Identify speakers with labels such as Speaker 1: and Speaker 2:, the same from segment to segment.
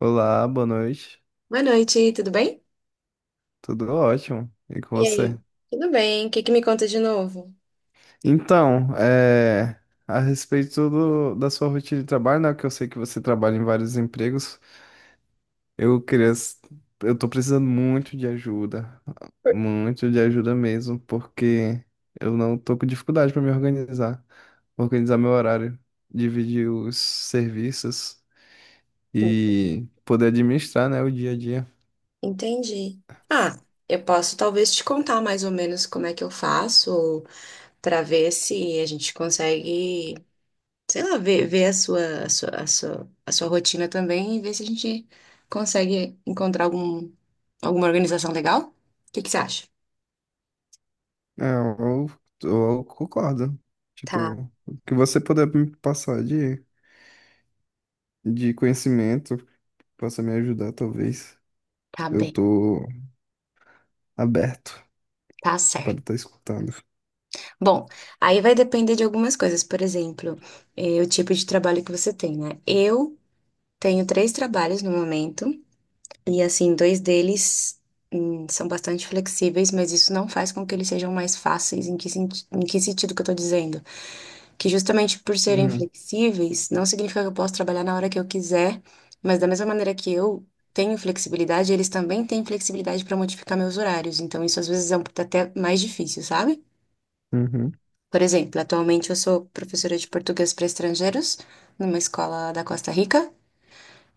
Speaker 1: Olá, boa noite.
Speaker 2: Boa noite, tudo bem?
Speaker 1: Tudo ótimo. E com
Speaker 2: E aí?
Speaker 1: você?
Speaker 2: Tudo bem, o que que me conta de novo?
Speaker 1: Então, a respeito da sua rotina de trabalho, né, que eu sei que você trabalha em vários empregos, eu queria, s- eu tô precisando muito de ajuda mesmo, porque eu não tô com dificuldade para me organizar, organizar meu horário, dividir os serviços e poder administrar, né, o dia a dia.
Speaker 2: Entendi. Ah, eu posso talvez te contar mais ou menos como é que eu faço para ver se a gente consegue, sei lá, ver, ver a sua, a sua, a sua, a sua rotina também e ver se a gente consegue encontrar algum, alguma organização legal. O que que você acha?
Speaker 1: É, eu, eu concordo.
Speaker 2: Tá,
Speaker 1: Tipo, o que você puder me passar de conhecimento, possa me ajudar, talvez.
Speaker 2: tá
Speaker 1: Eu
Speaker 2: bem.
Speaker 1: tô aberto
Speaker 2: Tá certo.
Speaker 1: para estar escutando.
Speaker 2: Bom, aí vai depender de algumas coisas, por exemplo, o tipo de trabalho que você tem, né? Eu tenho 3 trabalhos no momento, e assim, dois deles são bastante flexíveis, mas isso não faz com que eles sejam mais fáceis. Em que, em que sentido que eu tô dizendo? Que justamente por serem
Speaker 1: Uhum,
Speaker 2: flexíveis, não significa que eu posso trabalhar na hora que eu quiser, mas da mesma maneira que eu tenho flexibilidade, eles também têm flexibilidade para modificar meus horários. Então, isso às vezes é até mais difícil, sabe?
Speaker 1: uhum,
Speaker 2: Por exemplo, atualmente eu sou professora de português para estrangeiros numa escola da Costa Rica.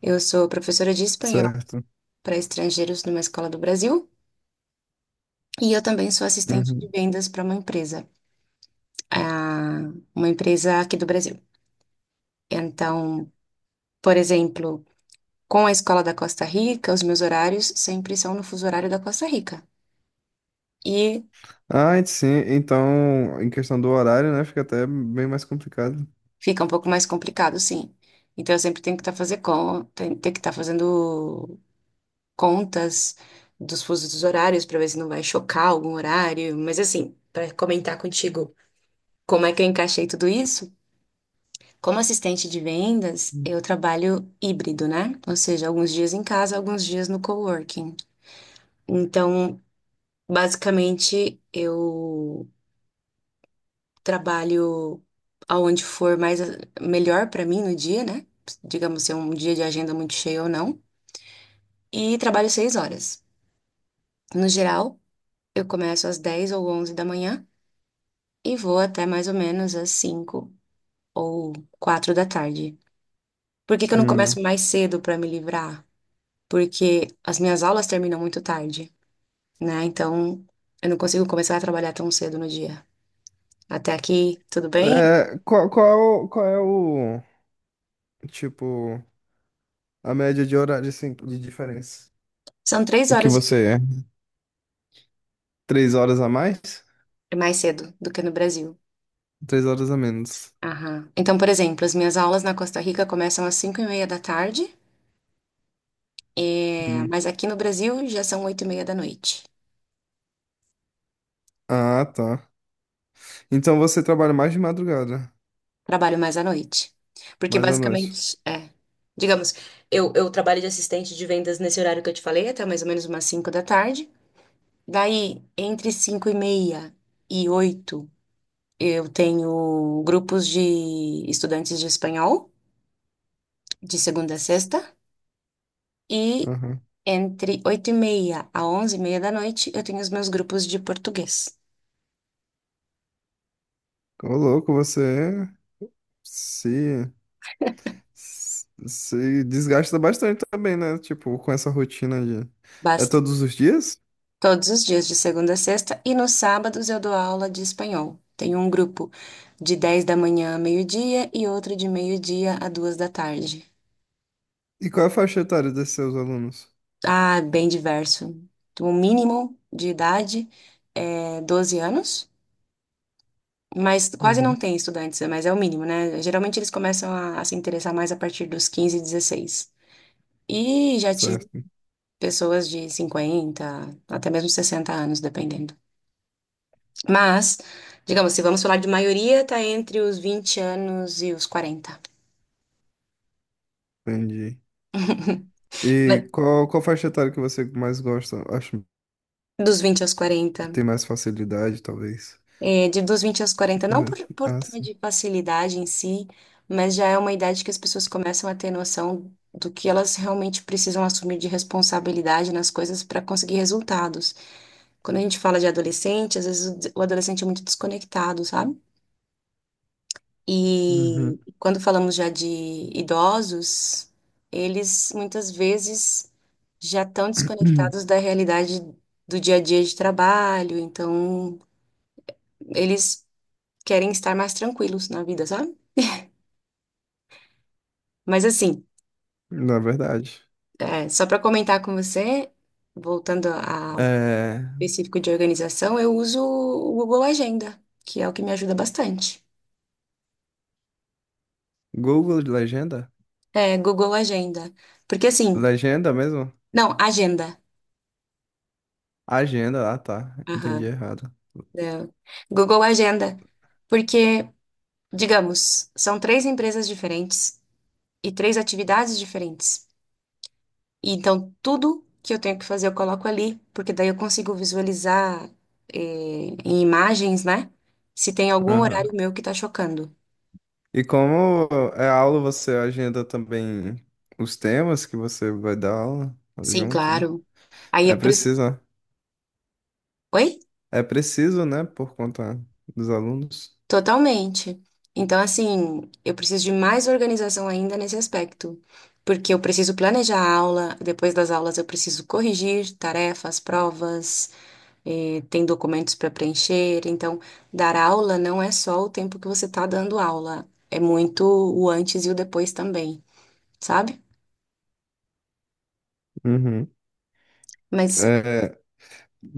Speaker 2: Eu sou professora de espanhol
Speaker 1: certo.
Speaker 2: para estrangeiros numa escola do Brasil. E eu também sou assistente de
Speaker 1: Uhum.
Speaker 2: vendas para uma empresa, ah, uma empresa aqui do Brasil. Então, por exemplo, com a escola da Costa Rica, os meus horários sempre são no fuso horário da Costa Rica. E
Speaker 1: Ah, e sim, então, em questão do horário, né, fica até bem mais complicado.
Speaker 2: fica um pouco mais complicado, sim. Então, eu sempre tenho que estar ter que estar fazendo contas dos fusos dos horários para ver se não vai chocar algum horário. Mas, assim, para comentar contigo como é que eu encaixei tudo isso. Como assistente de vendas, eu trabalho híbrido, né? Ou seja, alguns dias em casa, alguns dias no coworking. Então, basicamente, eu trabalho aonde for mais melhor para mim no dia, né? Digamos se é um dia de agenda muito cheia ou não. E trabalho 6 horas. No geral, eu começo às 10 ou 11 da manhã e vou até mais ou menos às 5 ou 4 da tarde. Por que que eu não
Speaker 1: Hum.
Speaker 2: começo mais cedo para me livrar? Porque as minhas aulas terminam muito tarde, né? Então, eu não consigo começar a trabalhar tão cedo no dia. Até aqui, tudo bem?
Speaker 1: É, qual é o, tipo, a média de horário, assim, de diferença?
Speaker 2: São três
Speaker 1: O que
Speaker 2: horas
Speaker 1: você é? Três horas a mais?
Speaker 2: mais cedo do que no Brasil.
Speaker 1: Três horas a menos.
Speaker 2: Aham. Então, por exemplo, as minhas aulas na Costa Rica começam às cinco e meia da tarde, mas aqui no Brasil já são oito e meia da noite.
Speaker 1: Ah, tá. Então você trabalha mais de madrugada,
Speaker 2: Trabalho mais à noite. Porque
Speaker 1: mais à noite.
Speaker 2: basicamente, digamos, eu trabalho de assistente de vendas nesse horário que eu te falei, até mais ou menos umas cinco da tarde. Daí, entre cinco e meia e oito eu tenho grupos de estudantes de espanhol, de segunda a sexta, e
Speaker 1: Aham.
Speaker 2: entre 8 e meia a 11 e meia da noite eu tenho os meus grupos de português.
Speaker 1: Ô, louco, você se, se desgasta bastante também, né? Tipo, com essa rotina de. É
Speaker 2: Basta.
Speaker 1: todos os dias?
Speaker 2: Todos os dias, de segunda a sexta, e nos sábados eu dou aula de espanhol. Tenho um grupo de 10 da manhã a meio-dia e outro de meio-dia a duas da tarde.
Speaker 1: E qual é a faixa etária desses seus alunos?
Speaker 2: Ah, bem diverso. O mínimo de idade é 12 anos. Mas quase não
Speaker 1: Uhum.
Speaker 2: tem estudantes, né? Mas é o mínimo, né? Geralmente eles começam a se interessar mais a partir dos 15, 16. E já tive
Speaker 1: Certo,
Speaker 2: pessoas de 50 até mesmo 60 anos, dependendo. Mas, digamos, se vamos falar de maioria, tá entre os 20 anos e os 40.
Speaker 1: entendi.
Speaker 2: Mas,
Speaker 1: E qual faixa etária que você mais gosta? Acho
Speaker 2: dos 20 aos 40.
Speaker 1: que tem mais facilidade, talvez.
Speaker 2: É, de dos 20 aos 40, não
Speaker 1: Uhum.
Speaker 2: por, por
Speaker 1: Ah,
Speaker 2: tema
Speaker 1: sim.
Speaker 2: de facilidade em si, mas já é uma idade que as pessoas começam a ter noção do que elas realmente precisam assumir de responsabilidade nas coisas para conseguir resultados. Quando a gente fala de adolescente, às vezes o adolescente é muito desconectado, sabe? E
Speaker 1: Uhum.
Speaker 2: quando falamos já de idosos, eles muitas vezes já estão desconectados da realidade do dia a dia de trabalho, então eles querem estar mais tranquilos na vida, sabe? Mas assim,
Speaker 1: Na verdade.
Speaker 2: só para comentar com você, ao
Speaker 1: É...
Speaker 2: específico de organização, eu uso o Google Agenda, que é o que me ajuda bastante.
Speaker 1: Google de legenda?
Speaker 2: É, Google Agenda. Porque assim,
Speaker 1: Legenda mesmo?
Speaker 2: não, Agenda.
Speaker 1: Agenda, ah tá, entendi
Speaker 2: Aham.
Speaker 1: errado.
Speaker 2: é, Google Agenda. Porque, digamos, são três empresas diferentes e três atividades diferentes. E então, tudo que eu tenho que fazer eu coloco ali, porque daí eu consigo visualizar, eh, em imagens, né? Se tem algum
Speaker 1: Aham.
Speaker 2: horário meu que tá chocando.
Speaker 1: E como é aula, você agenda também os temas que você vai dar aula
Speaker 2: Sim,
Speaker 1: junto, né?
Speaker 2: claro. Aí
Speaker 1: É
Speaker 2: eu preciso.
Speaker 1: preciso,
Speaker 2: Oi?
Speaker 1: é preciso, né, por conta dos alunos.
Speaker 2: Totalmente. Então, assim, eu preciso de mais organização ainda nesse aspecto, porque eu preciso planejar a aula, depois das aulas eu preciso corrigir tarefas, provas. Tem documentos para preencher. Então, dar aula não é só o tempo que você está dando aula, é muito o antes e o depois também, sabe?
Speaker 1: Uhum.
Speaker 2: Mas,
Speaker 1: É,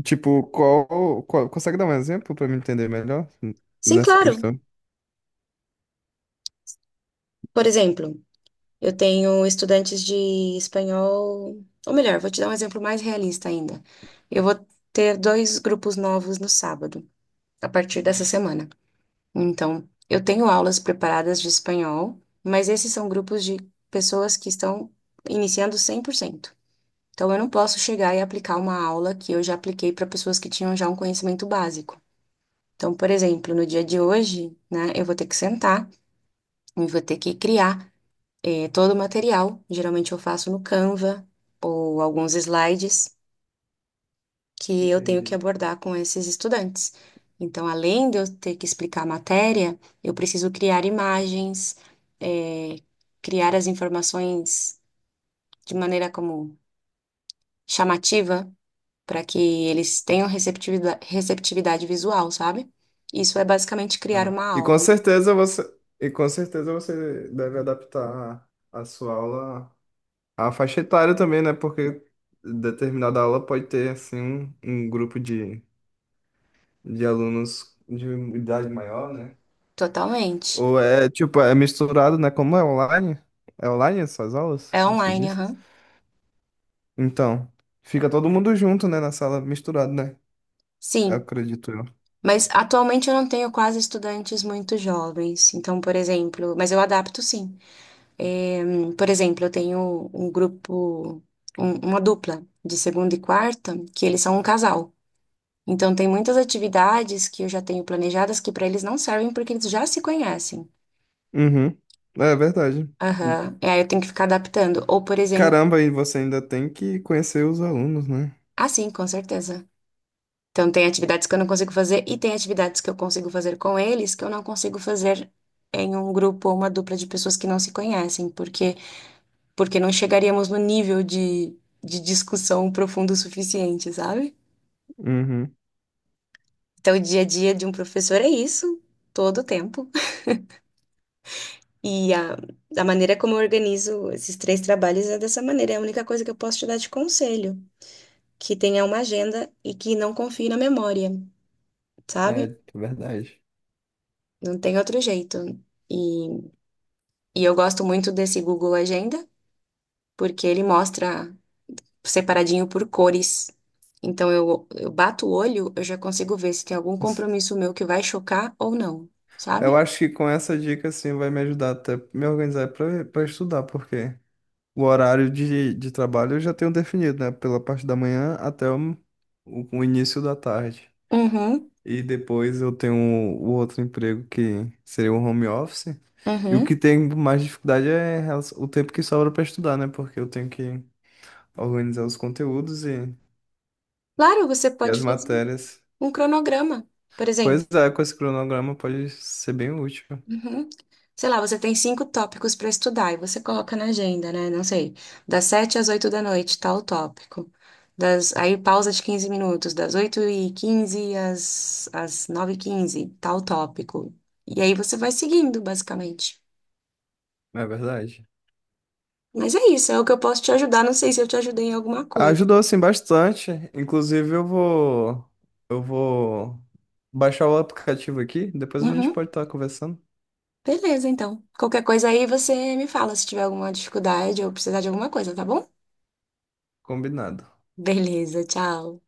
Speaker 1: tipo, consegue dar um exemplo para eu me entender melhor
Speaker 2: sim,
Speaker 1: nessa
Speaker 2: claro.
Speaker 1: questão?
Speaker 2: Por exemplo, eu tenho estudantes de espanhol, ou melhor, vou te dar um exemplo mais realista ainda. Eu vou ter dois grupos novos no sábado, a partir dessa
Speaker 1: Hum.
Speaker 2: semana. Então, eu tenho aulas preparadas de espanhol, mas esses são grupos de pessoas que estão iniciando 100%. Então, eu não posso chegar e aplicar uma aula que eu já apliquei para pessoas que tinham já um conhecimento básico. Então, por exemplo, no dia de hoje, né, eu vou ter que sentar e vou ter que criar todo o material. Geralmente, eu faço no Canva ou alguns slides que eu tenho que
Speaker 1: Entendi.
Speaker 2: abordar com esses estudantes. Então, além de eu ter que explicar a matéria, eu preciso criar imagens, eh, criar as informações de maneira como chamativa para que eles tenham receptividade, receptividade visual, sabe? Isso é basicamente criar
Speaker 1: Aham.
Speaker 2: uma
Speaker 1: E com
Speaker 2: aula.
Speaker 1: certeza você, e com certeza você deve adaptar a sua aula a faixa etária também, né? Porque determinada aula pode ter, assim, um grupo de alunos de idade maior, né?
Speaker 2: Totalmente.
Speaker 1: Ou é, tipo, é misturado, né? Como é online? É online essas aulas
Speaker 2: É
Speaker 1: que você
Speaker 2: online,
Speaker 1: disse?
Speaker 2: aham.
Speaker 1: Então, fica todo mundo junto, né? Na sala, misturado, né? Eu
Speaker 2: Sim.
Speaker 1: acredito eu.
Speaker 2: Mas atualmente eu não tenho quase estudantes muito jovens. Então, por exemplo, mas eu adapto sim. É, por exemplo, eu tenho um grupo, uma dupla de segunda e quarta, que eles são um casal. Então, tem muitas atividades que eu já tenho planejadas que para eles não servem porque eles já se conhecem.
Speaker 1: Uhum. É verdade.
Speaker 2: Aham. E aí eu tenho que ficar adaptando. Ou, por exemplo,
Speaker 1: Caramba, e você ainda tem que conhecer os alunos, né?
Speaker 2: ah, sim, com certeza. Então, tem atividades que eu não consigo fazer e tem atividades que eu consigo fazer com eles que eu não consigo fazer em um grupo ou uma dupla de pessoas que não se conhecem, porque porque não chegaríamos no nível de discussão profundo o suficiente, sabe?
Speaker 1: Uhum.
Speaker 2: Então, o dia a dia de um professor é isso, todo o tempo. E a maneira como eu organizo esses três trabalhos é dessa maneira. É a única coisa que eu posso te dar de conselho, que tenha uma agenda e que não confie na memória, sabe?
Speaker 1: É, verdade.
Speaker 2: Não tem outro jeito. E E eu gosto muito desse Google Agenda, porque ele mostra separadinho por cores. Então eu bato o olho, eu já consigo ver se tem algum compromisso meu que vai chocar ou não,
Speaker 1: Eu
Speaker 2: sabe?
Speaker 1: acho que com essa dica, assim, vai me ajudar até me organizar para estudar, porque o horário de trabalho eu já tenho definido, né? Pela parte da manhã até o início da tarde.
Speaker 2: Uhum,
Speaker 1: E depois eu tenho o outro emprego que seria o home office. E o que
Speaker 2: uhum.
Speaker 1: tem mais dificuldade é o tempo que sobra para estudar, né? Porque eu tenho que organizar os conteúdos e,
Speaker 2: Claro, você
Speaker 1: e
Speaker 2: pode
Speaker 1: as
Speaker 2: fazer
Speaker 1: matérias.
Speaker 2: um cronograma. Por exemplo,
Speaker 1: Pois é, com esse cronograma pode ser bem útil,
Speaker 2: uhum. Sei lá, você tem cinco tópicos para estudar e você coloca na agenda, né? Não sei, das sete às oito da noite, tal tópico. Das, aí pausa de 15 minutos, das oito e quinze às, às nove h 15 tal tópico. E aí você vai seguindo, basicamente.
Speaker 1: não é verdade?
Speaker 2: Mas é isso, é o que eu posso te ajudar. Não sei se eu te ajudei em alguma coisa.
Speaker 1: Ajudou sim bastante. Inclusive, eu vou baixar o aplicativo aqui, depois a gente
Speaker 2: Uhum.
Speaker 1: pode estar conversando.
Speaker 2: Beleza, então. Qualquer coisa aí você me fala se tiver alguma dificuldade ou precisar de alguma coisa, tá bom?
Speaker 1: Combinado.
Speaker 2: Beleza, tchau.